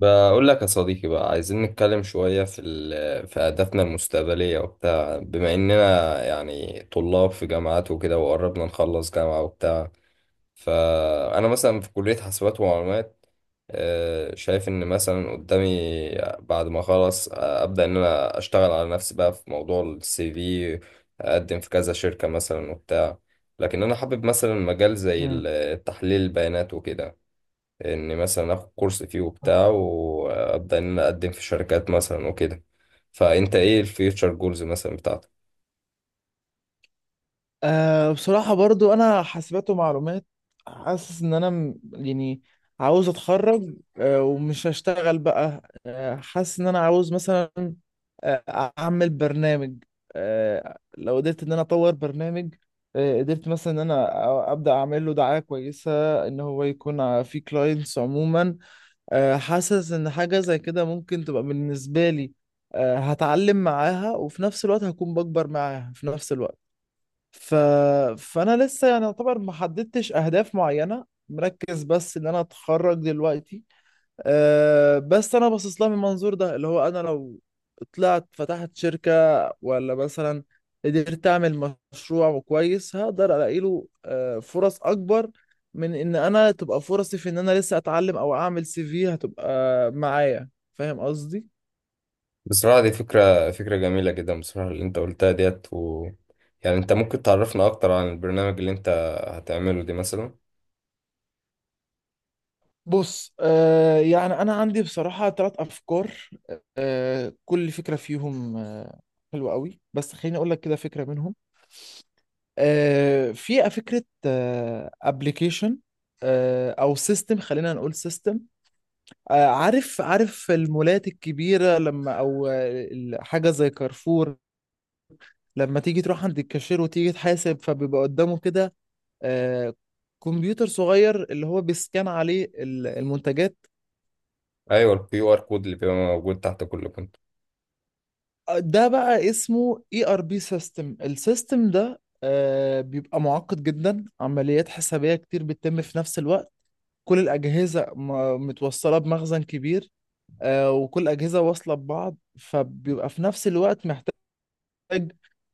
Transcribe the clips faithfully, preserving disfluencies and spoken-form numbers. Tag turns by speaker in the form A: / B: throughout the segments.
A: بقول لك يا صديقي بقى عايزين نتكلم شوية في ال... في أهدافنا المستقبلية وبتاع، بما إننا يعني طلاب في جامعات وكده وقربنا نخلص جامعة وبتاع. فأنا مثلا في كلية حاسبات ومعلومات. آه، شايف إن مثلا قدامي بعد ما أخلص، آه، أبدأ إن أنا أشتغل على نفسي بقى في موضوع السي في. أقدم في كذا شركة مثلا وبتاع. لكن أنا حابب مثلا مجال زي
B: مم.
A: ال- تحليل البيانات وكده. ان مثلا اخد كورس فيه وبتاع وابدا ان انا اقدم في شركات مثلا وكده. فانت ايه الفيوتشر جولز مثلا بتاعتك؟
B: أه بصراحة برضو أنا حاسبات ومعلومات. حاسس إن أنا م- يعني عاوز أتخرج، أه ومش هشتغل بقى. أه حاسس إن أنا عاوز مثلا آه، أعمل برنامج. أه لو قدرت إن أنا أطور برنامج، أه قدرت مثلا إن أنا أ- أبدأ أعمل له دعاية كويسة، إن هو يكون ع- فيه كلاينتس عموما. أه حاسس إن حاجة زي كده ممكن تبقى بالنسبة لي أه هتعلم معاها، وفي نفس الوقت هكون بكبر معاها في نفس الوقت. ف... فانا لسه يعني يعتبر ما حددتش اهداف معينه، مركز بس ان انا اتخرج دلوقتي. أه بس انا باصص لها من المنظور ده، اللي هو انا لو طلعت فتحت شركه، ولا مثلا قدرت اعمل مشروع كويس، هقدر الاقي له أه فرص اكبر من ان انا تبقى فرصي في ان انا لسه اتعلم او اعمل سي في هتبقى معايا. فاهم قصدي؟
A: بصراحه دي فكره، فكره جميله جدا بصراحه اللي انت قلتها ديت و... يعني انت ممكن تعرفنا اكتر عن البرنامج اللي انت هتعمله دي مثلا؟
B: بص، آه يعني أنا عندي بصراحة ثلاث أفكار، آه كل فكرة فيهم آه حلوة قوي، بس خليني أقول لك كده فكرة منهم. آه في فكرة أبلكيشن، آه أبليكيشن آه أو سيستم، خلينا نقول سيستم. آه عارف عارف المولات الكبيرة، لما أو آه، ال- حاجة زي كارفور، لما تيجي تروح عند الكاشير وتيجي تحاسب، فبيبقى قدامه كده آه كمبيوتر صغير اللي هو بيسكان عليه ال- المنتجات.
A: ايوه، الكيو ار كود اللي بيبقى موجود تحت كل كنت.
B: ده بقى اسمه اي ار بي سيستم. السيستم ده آه، بيبقى معقد جدا، عمليات حسابية كتير بتتم في نفس الوقت. كل الأجهزة م- متوصلة بمخزن كبير، آه، وكل أجهزة واصلة ببعض، فبيبقى في نفس الوقت محتاج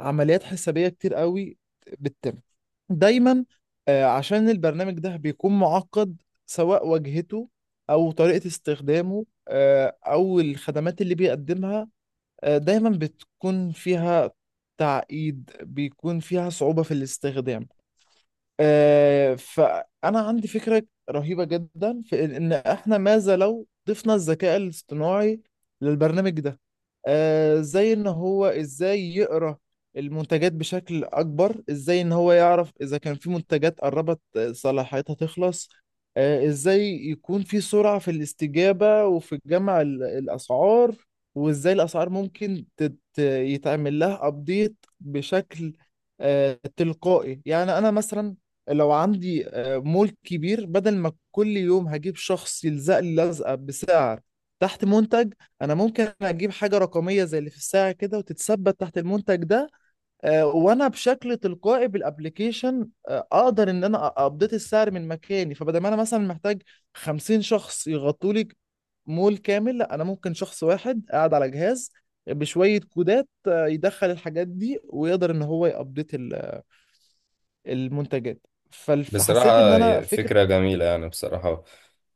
B: عمليات حسابية كتير قوي بتتم دايما. آه، عشان البرنامج ده بيكون معقد، سواء واجهته أو طريقة استخدامه، آه، أو الخدمات اللي بيقدمها، آه، دايما بتكون فيها تعقيد، بيكون فيها صعوبة في الاستخدام. آه، فأنا عندي فكرة رهيبة جدا في إن إحنا ماذا لو ضفنا الذكاء الاصطناعي للبرنامج ده، آه، زي إن هو إزاي يقرأ المنتجات بشكل أكبر، إزاي إن هو يعرف إذا كان في منتجات قربت آه، صلاحيتها تخلص، آه، إزاي يكون في سرعة في الاستجابة وفي جمع ال- الأسعار، وإزاي الأسعار ممكن تت- يتعمل لها أبديت بشكل آه، تلقائي. يعني انا مثلا لو عندي آه، مول كبير، بدل ما كل يوم هجيب شخص يلزق لي لزقة بسعر تحت منتج، انا ممكن اجيب حاجة رقمية زي اللي في الساعة كده وتتثبت تحت المنتج ده، آه، وانا بشكل تلقائي بالابليكيشن آه، اقدر ان انا ابديت السعر من مكاني. فبدل ما انا مثلا محتاج خمسين شخص يغطوا لي مول كامل، لا، انا ممكن شخص واحد قاعد على جهاز بشوية كودات آه، يدخل الحاجات دي ويقدر ان هو يابديت المنتجات.
A: بصراحة
B: فحسيت ان انا فكرة.
A: فكرة جميلة يعني بصراحة،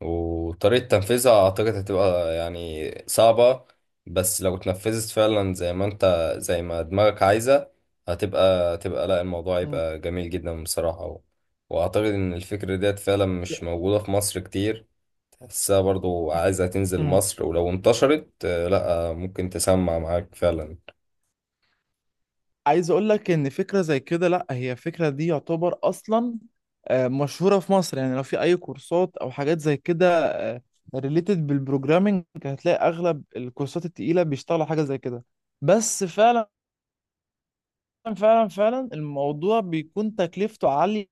A: وطريقة تنفيذها أعتقد هتبقى يعني صعبة، بس لو اتنفذت فعلا زي ما أنت، زي ما دماغك عايزة، هتبقى تبقى لا، الموضوع
B: مم.
A: يبقى جميل جدا بصراحة و... وأعتقد إن الفكرة ديت فعلا مش موجودة في مصر كتير. تحسها برضو عايزة تنزل
B: مم.
A: مصر، ولو انتشرت آه، لا آه، ممكن تسمع معاك فعلا.
B: عايز اقول لك ان فكره زي كده، لا، هي فكره دي يعتبر اصلا آه، مشهوره في مصر. يعني لو في اي كورسات او حاجات زي كده ريليتد بالبروجرامينج، هتلاقي اغلب الكورسات التقيله بيشتغلوا حاجه زي كده. بس فعلا فعلا فعلا الموضوع بيكون تكلفته عاليه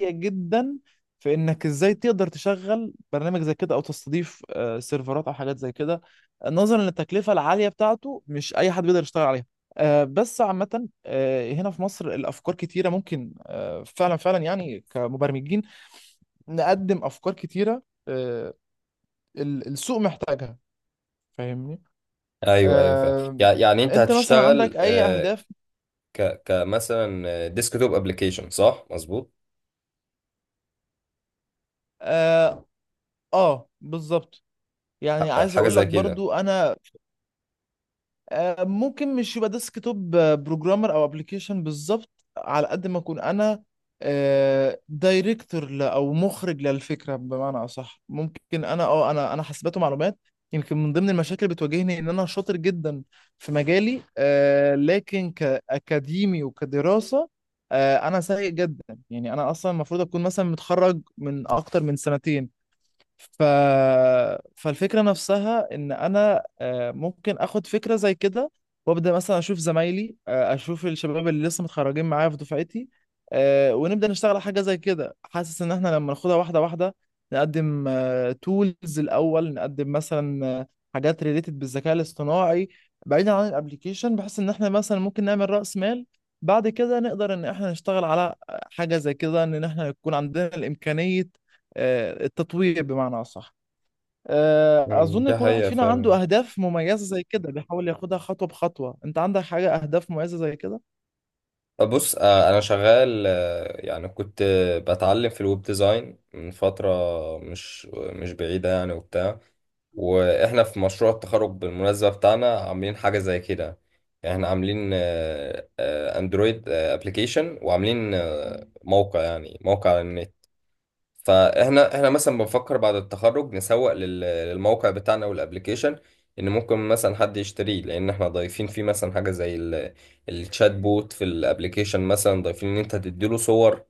B: جدا، في انك ازاي تقدر تشغل برنامج زي كده او تستضيف آه، سيرفرات او حاجات زي كده. نظرا للتكلفه العاليه بتاعته مش اي حد بيقدر يشتغل عليها. آه، بس عامه آه، هنا في مصر الافكار كتيره، ممكن آه، فعلا فعلا يعني كمبرمجين نقدم افكار كتيره آه، ال- السوق محتاجها. فاهمني؟
A: أيوه أيوه فعلا،
B: آه،
A: يع- يعني أنت
B: انت مثلا
A: هتشتغل
B: عندك اي
A: آه،
B: اهداف؟
A: ك كمثلا ديسك توب ابلكيشن، صح، مظبوط؟
B: اه. آه، بالظبط. يعني
A: ح-
B: عايز
A: حاجه
B: اقول
A: زي
B: لك
A: كده.
B: برضو انا آه، ممكن مش يبقى ديسك توب بروجرامر او ابلكيشن بالظبط، على قد ما اكون انا دايركتور او مخرج للفكره بمعنى اصح. ممكن انا اه انا انا حاسبات ومعلومات، يمكن من ضمن المشاكل اللي بتواجهني ان انا شاطر جدا في مجالي آه، لكن كاكاديمي وكدراسه آه، انا سيء جدا. يعني انا اصلا المفروض اكون مثلا متخرج من اكتر من سنتين. ف... فالفكرة نفسها إن أنا آه، ممكن آخد فكرة زي كده وأبدأ مثلا أشوف زمايلي آه، أشوف الشباب اللي لسه متخرجين معايا في دفعتي، آه، ونبدأ نشتغل على حاجة زي كده. حاسس إن إحنا لما ناخدها واحدة واحدة، نقدم تولز الأول، نقدم مثلا آه، حاجات ريليتد بالذكاء الاصطناعي بعيدا عن الابليكيشن، بحيث إن إحنا مثلا ممكن نعمل رأس مال، بعد كده نقدر إن إحنا نشتغل على حاجة زي كده، إن إحنا يكون عندنا الإمكانية آه، التطوير بمعنى أصح. آه،
A: مم.
B: أظن
A: دي
B: كل واحد
A: حقيقه
B: فينا
A: فعلا.
B: عنده أهداف مميزة زي كده، بيحاول ياخدها خطوة بخطوة. أنت عندك حاجة أهداف مميزة زي كده؟ ان
A: بص، آه، انا شغال، آه، يعني كنت بتعلم في الويب ديزاين من فتره مش مش بعيده يعني وبتاع. واحنا في مشروع التخرج بالمناسبه بتاعنا عاملين حاجه زي كده. يعني احنا عاملين آه، آه، اندرويد ابلكيشن، وعاملين آه، موقع، يعني موقع على النت. فاحنا احنا مثلا بنفكر بعد التخرج نسوق لل- للموقع بتاعنا والابليكيشن، ان ممكن مثلا حد يشتريه، لان احنا ضايفين فيه مثلا حاجه زي ال- الشات بوت في الابليكيشن. مثلا ضايفين ان انت تديله صور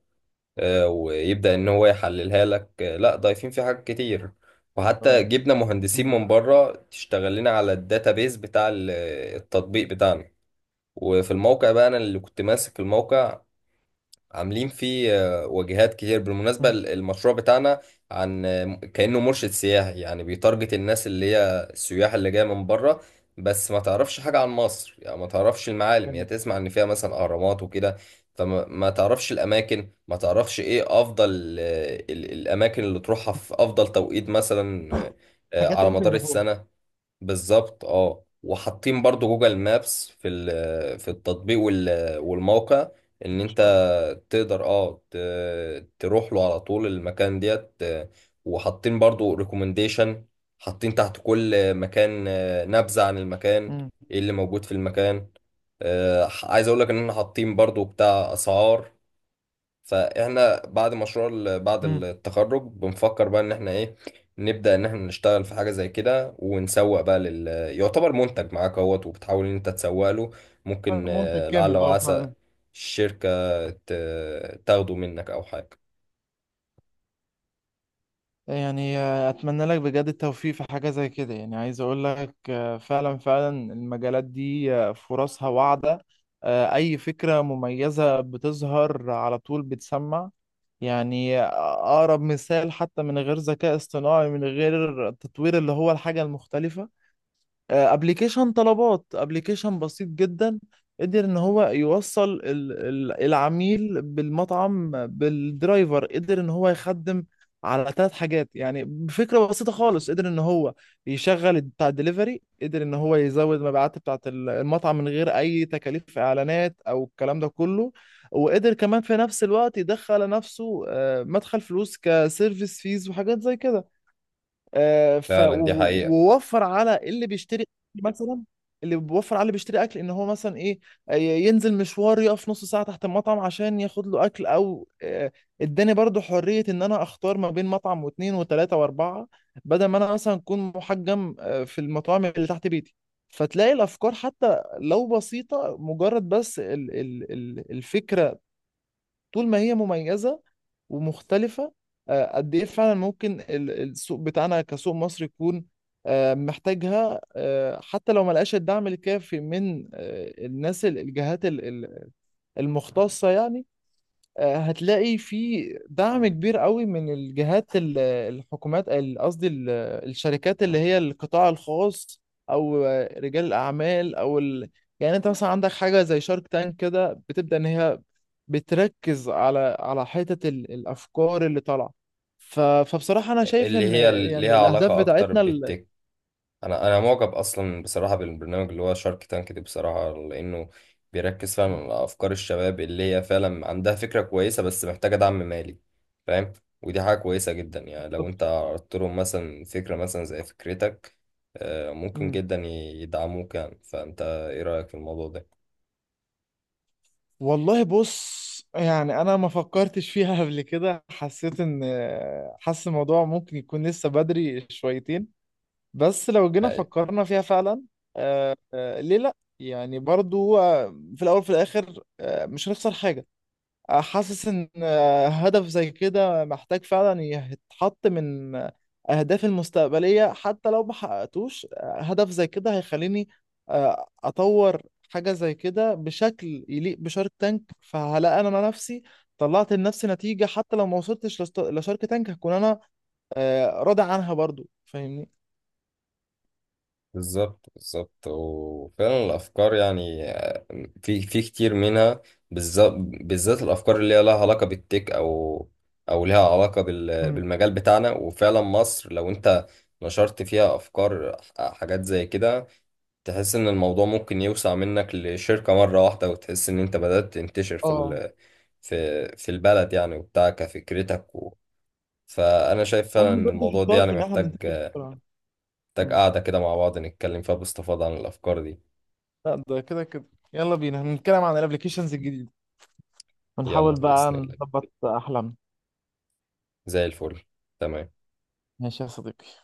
A: آه، ويبدا ان هو يحللها لك. آه، لا ضايفين فيه حاجات كتير،
B: شاء
A: وحتى
B: الله.
A: جبنا مهندسين
B: مم.
A: من بره تشتغل لنا على الداتابيز بتاع ال- التطبيق بتاعنا. وفي الموقع بقى انا اللي كنت ماسك الموقع، عاملين فيه آه، واجهات كتير. بالمناسبة
B: مم.
A: ال- المشروع بتاعنا عن آه، كأنه مرشد سياحي، يعني بيتارجت الناس اللي هي السياح اللي جاية من بره بس ما تعرفش حاجة عن مصر. يعني ما تعرفش المعالم، هي
B: يعني
A: تسمع ان فيها مثلا اهرامات وكده، فما ما تعرفش الاماكن، ما تعرفش ايه افضل آه، ال- الاماكن اللي تروحها في افضل توقيت مثلا، آه، آه،
B: الحاجات
A: على
B: اللي ممكن
A: مدار
B: يروحوها.
A: السنة. بالظبط، اه. وحاطين برضو جوجل مابس في ال- في التطبيق وال- والموقع،
B: إن
A: ان انت
B: شاء الله.
A: تقدر اه ت- تروح له على طول المكان ديت. آه، وحاطين برضو ريكومنديشن، حاطين تحت كل مكان آه، نبذة عن المكان،
B: مم.
A: ايه اللي موجود في المكان. آه، عايز اقول لك ان احنا حاطين برضو بتاع اسعار. فاحنا بعد مشروع ال- بعد
B: مم.
A: التخرج بنفكر بقى ان احنا ايه، نبدأ ان احنا نشتغل في حاجة زي كده ونسوق بقى لل، يعتبر منتج معاك اهوت وبتحاول ان انت تسوق له. ممكن
B: المنتج
A: آه، لعل
B: كامل، أه،
A: وعسى
B: فعلا.
A: الشركة ت- تاخده منك او حاجة.
B: يعني آه، اتمنى لك بجد التوفيق في حاجه زي كده. يعني عايز اقول لك آه، فعلا فعلا المجالات دي آه، فرصها واعده. آه، اي فكره مميزه بتظهر على طول بتسمع. يعني أقرب مثال، حتى من غير ذكاء اصطناعي، من غير التطوير اللي هو الحاجة المختلفة، ابلكيشن طلبات، ابلكيشن بسيط جدا. قدر ان هو يوصل ال- ال- العميل بالمطعم بالدرايفر، قدر ان هو يخدم على ثلاث حاجات. يعني بفكرة بسيطة خالص، قدر ان هو يشغل بتاع الدليفري، قدر ان هو يزود مبيعات بتاعة ال- المطعم من غير اي تكاليف اعلانات او الكلام ده كله، وقدر كمان في نفس الوقت يدخل لنفسه آه، مدخل فلوس كسيرفيس فيز وحاجات زي كده. آه، ف
A: فعلا دي
B: و-
A: حقيقة،
B: ووفر على اللي بيشتري أكل مثلا. اللي بيوفر على اللي بيشتري اكل ان هو مثلا ايه، آه، ي- ينزل مشوار يقف نص ساعه تحت المطعم عشان ياخد له اكل. او آه، اداني برضو حريه ان انا اختار ما بين مطعم واثنين وثلاثه واربعه، بدل ما انا مثلا اكون محجم آه، في المطاعم اللي تحت بيتي. فتلاقي الافكار حتى لو بسيطه، مجرد بس ال ال ال الفكره طول ما هي مميزة ومختلفة، آه، قد إيه فعلا ممكن ال- السوق بتاعنا كسوق مصري يكون آه، محتاجها. آه، حتى لو ما لقاش الدعم الكافي من آه، الناس ال- الجهات ال- ال- المختصة يعني، آه، هتلاقي في دعم كبير قوي من الجهات ال- الحكومات ال- قصدي ال- الشركات اللي هي القطاع الخاص، او آه، رجال الاعمال او ال... يعني انت مثلا عندك حاجه زي شارك تانك كده، بتبدا ان هي بتركز على على حته ال- الافكار اللي طالعه. ف... فبصراحه انا شايف
A: اللي
B: ان
A: هي
B: يعني
A: ليها
B: الاهداف
A: علاقة اكتر
B: بتاعتنا ال...
A: بالتك. انا انا معجب اصلا بصراحه بالبرنامج اللي هو شارك تانك ده، بصراحه لانه بيركز فعلا على افكار الشباب اللي هي فعلا عندها فكره كويسه بس محتاجه دعم مالي. فاهم؟ ودي حاجه كويسه جدا، يعني لو انت عرضت لهم مثلا فكره مثلا زي فكرتك آه، ممكن
B: مم.
A: جدا يدعموك. يعني فانت ايه رايك في الموضوع ده؟
B: والله بص، يعني انا ما فكرتش فيها قبل كده. حسيت ان، حاسس الموضوع ممكن يكون لسه بدري شويتين، بس لو جينا
A: يعني
B: فكرنا فيها فعلا، آه، آه، ليه لا؟ يعني برضو هو في الاول وفي الاخر آه، مش هنخسر حاجة. حاسس ان آه، هدف زي كده محتاج فعلا يتحط من آه، اهدافي المستقبليه. حتى لو ما حققتوش آه، هدف زي كده هيخليني آه، اطور حاجه زي كده بشكل يليق بشارك تانك، فهلاقي انا نفسي طلعت لنفسي نتيجه. حتى لو ما وصلتش لست- لشارك تانك، هكون انا آه، راضي عنها برضو. فاهمني؟
A: بالظبط، بالظبط. وفعلا الافكار يعني في في كتير منها، بالذات بالذات الافكار اللي هي لها علاقه بالتك، او او لها علاقه بال-
B: مم.
A: بالمجال بتاعنا. وفعلا مصر لو انت نشرت فيها افكار حاجات زي كده، تحس ان الموضوع ممكن يوسع منك لشركه مره واحده، وتحس ان انت بدات تنتشر في
B: اه،
A: ال- في في البلد يعني وبتاع كفكرتك. و فانا شايف فعلا
B: احنا
A: ان
B: برضو
A: الموضوع ده
B: شطار
A: يعني
B: في ان احنا
A: محتاج،
B: بننتشر بسرعه.
A: محتاج
B: مم.
A: قاعده كده مع بعض نتكلم فيها باستفاضه عن الافكار دي.
B: لا، ده كده كده. يلا بينا هنتكلم عن الابلكيشنز الجديده،
A: يلا
B: ونحاول بقى
A: بإذن الله،
B: نظبط أحلامنا.
A: زي الفل. تمام.
B: ماشي يا صديقي.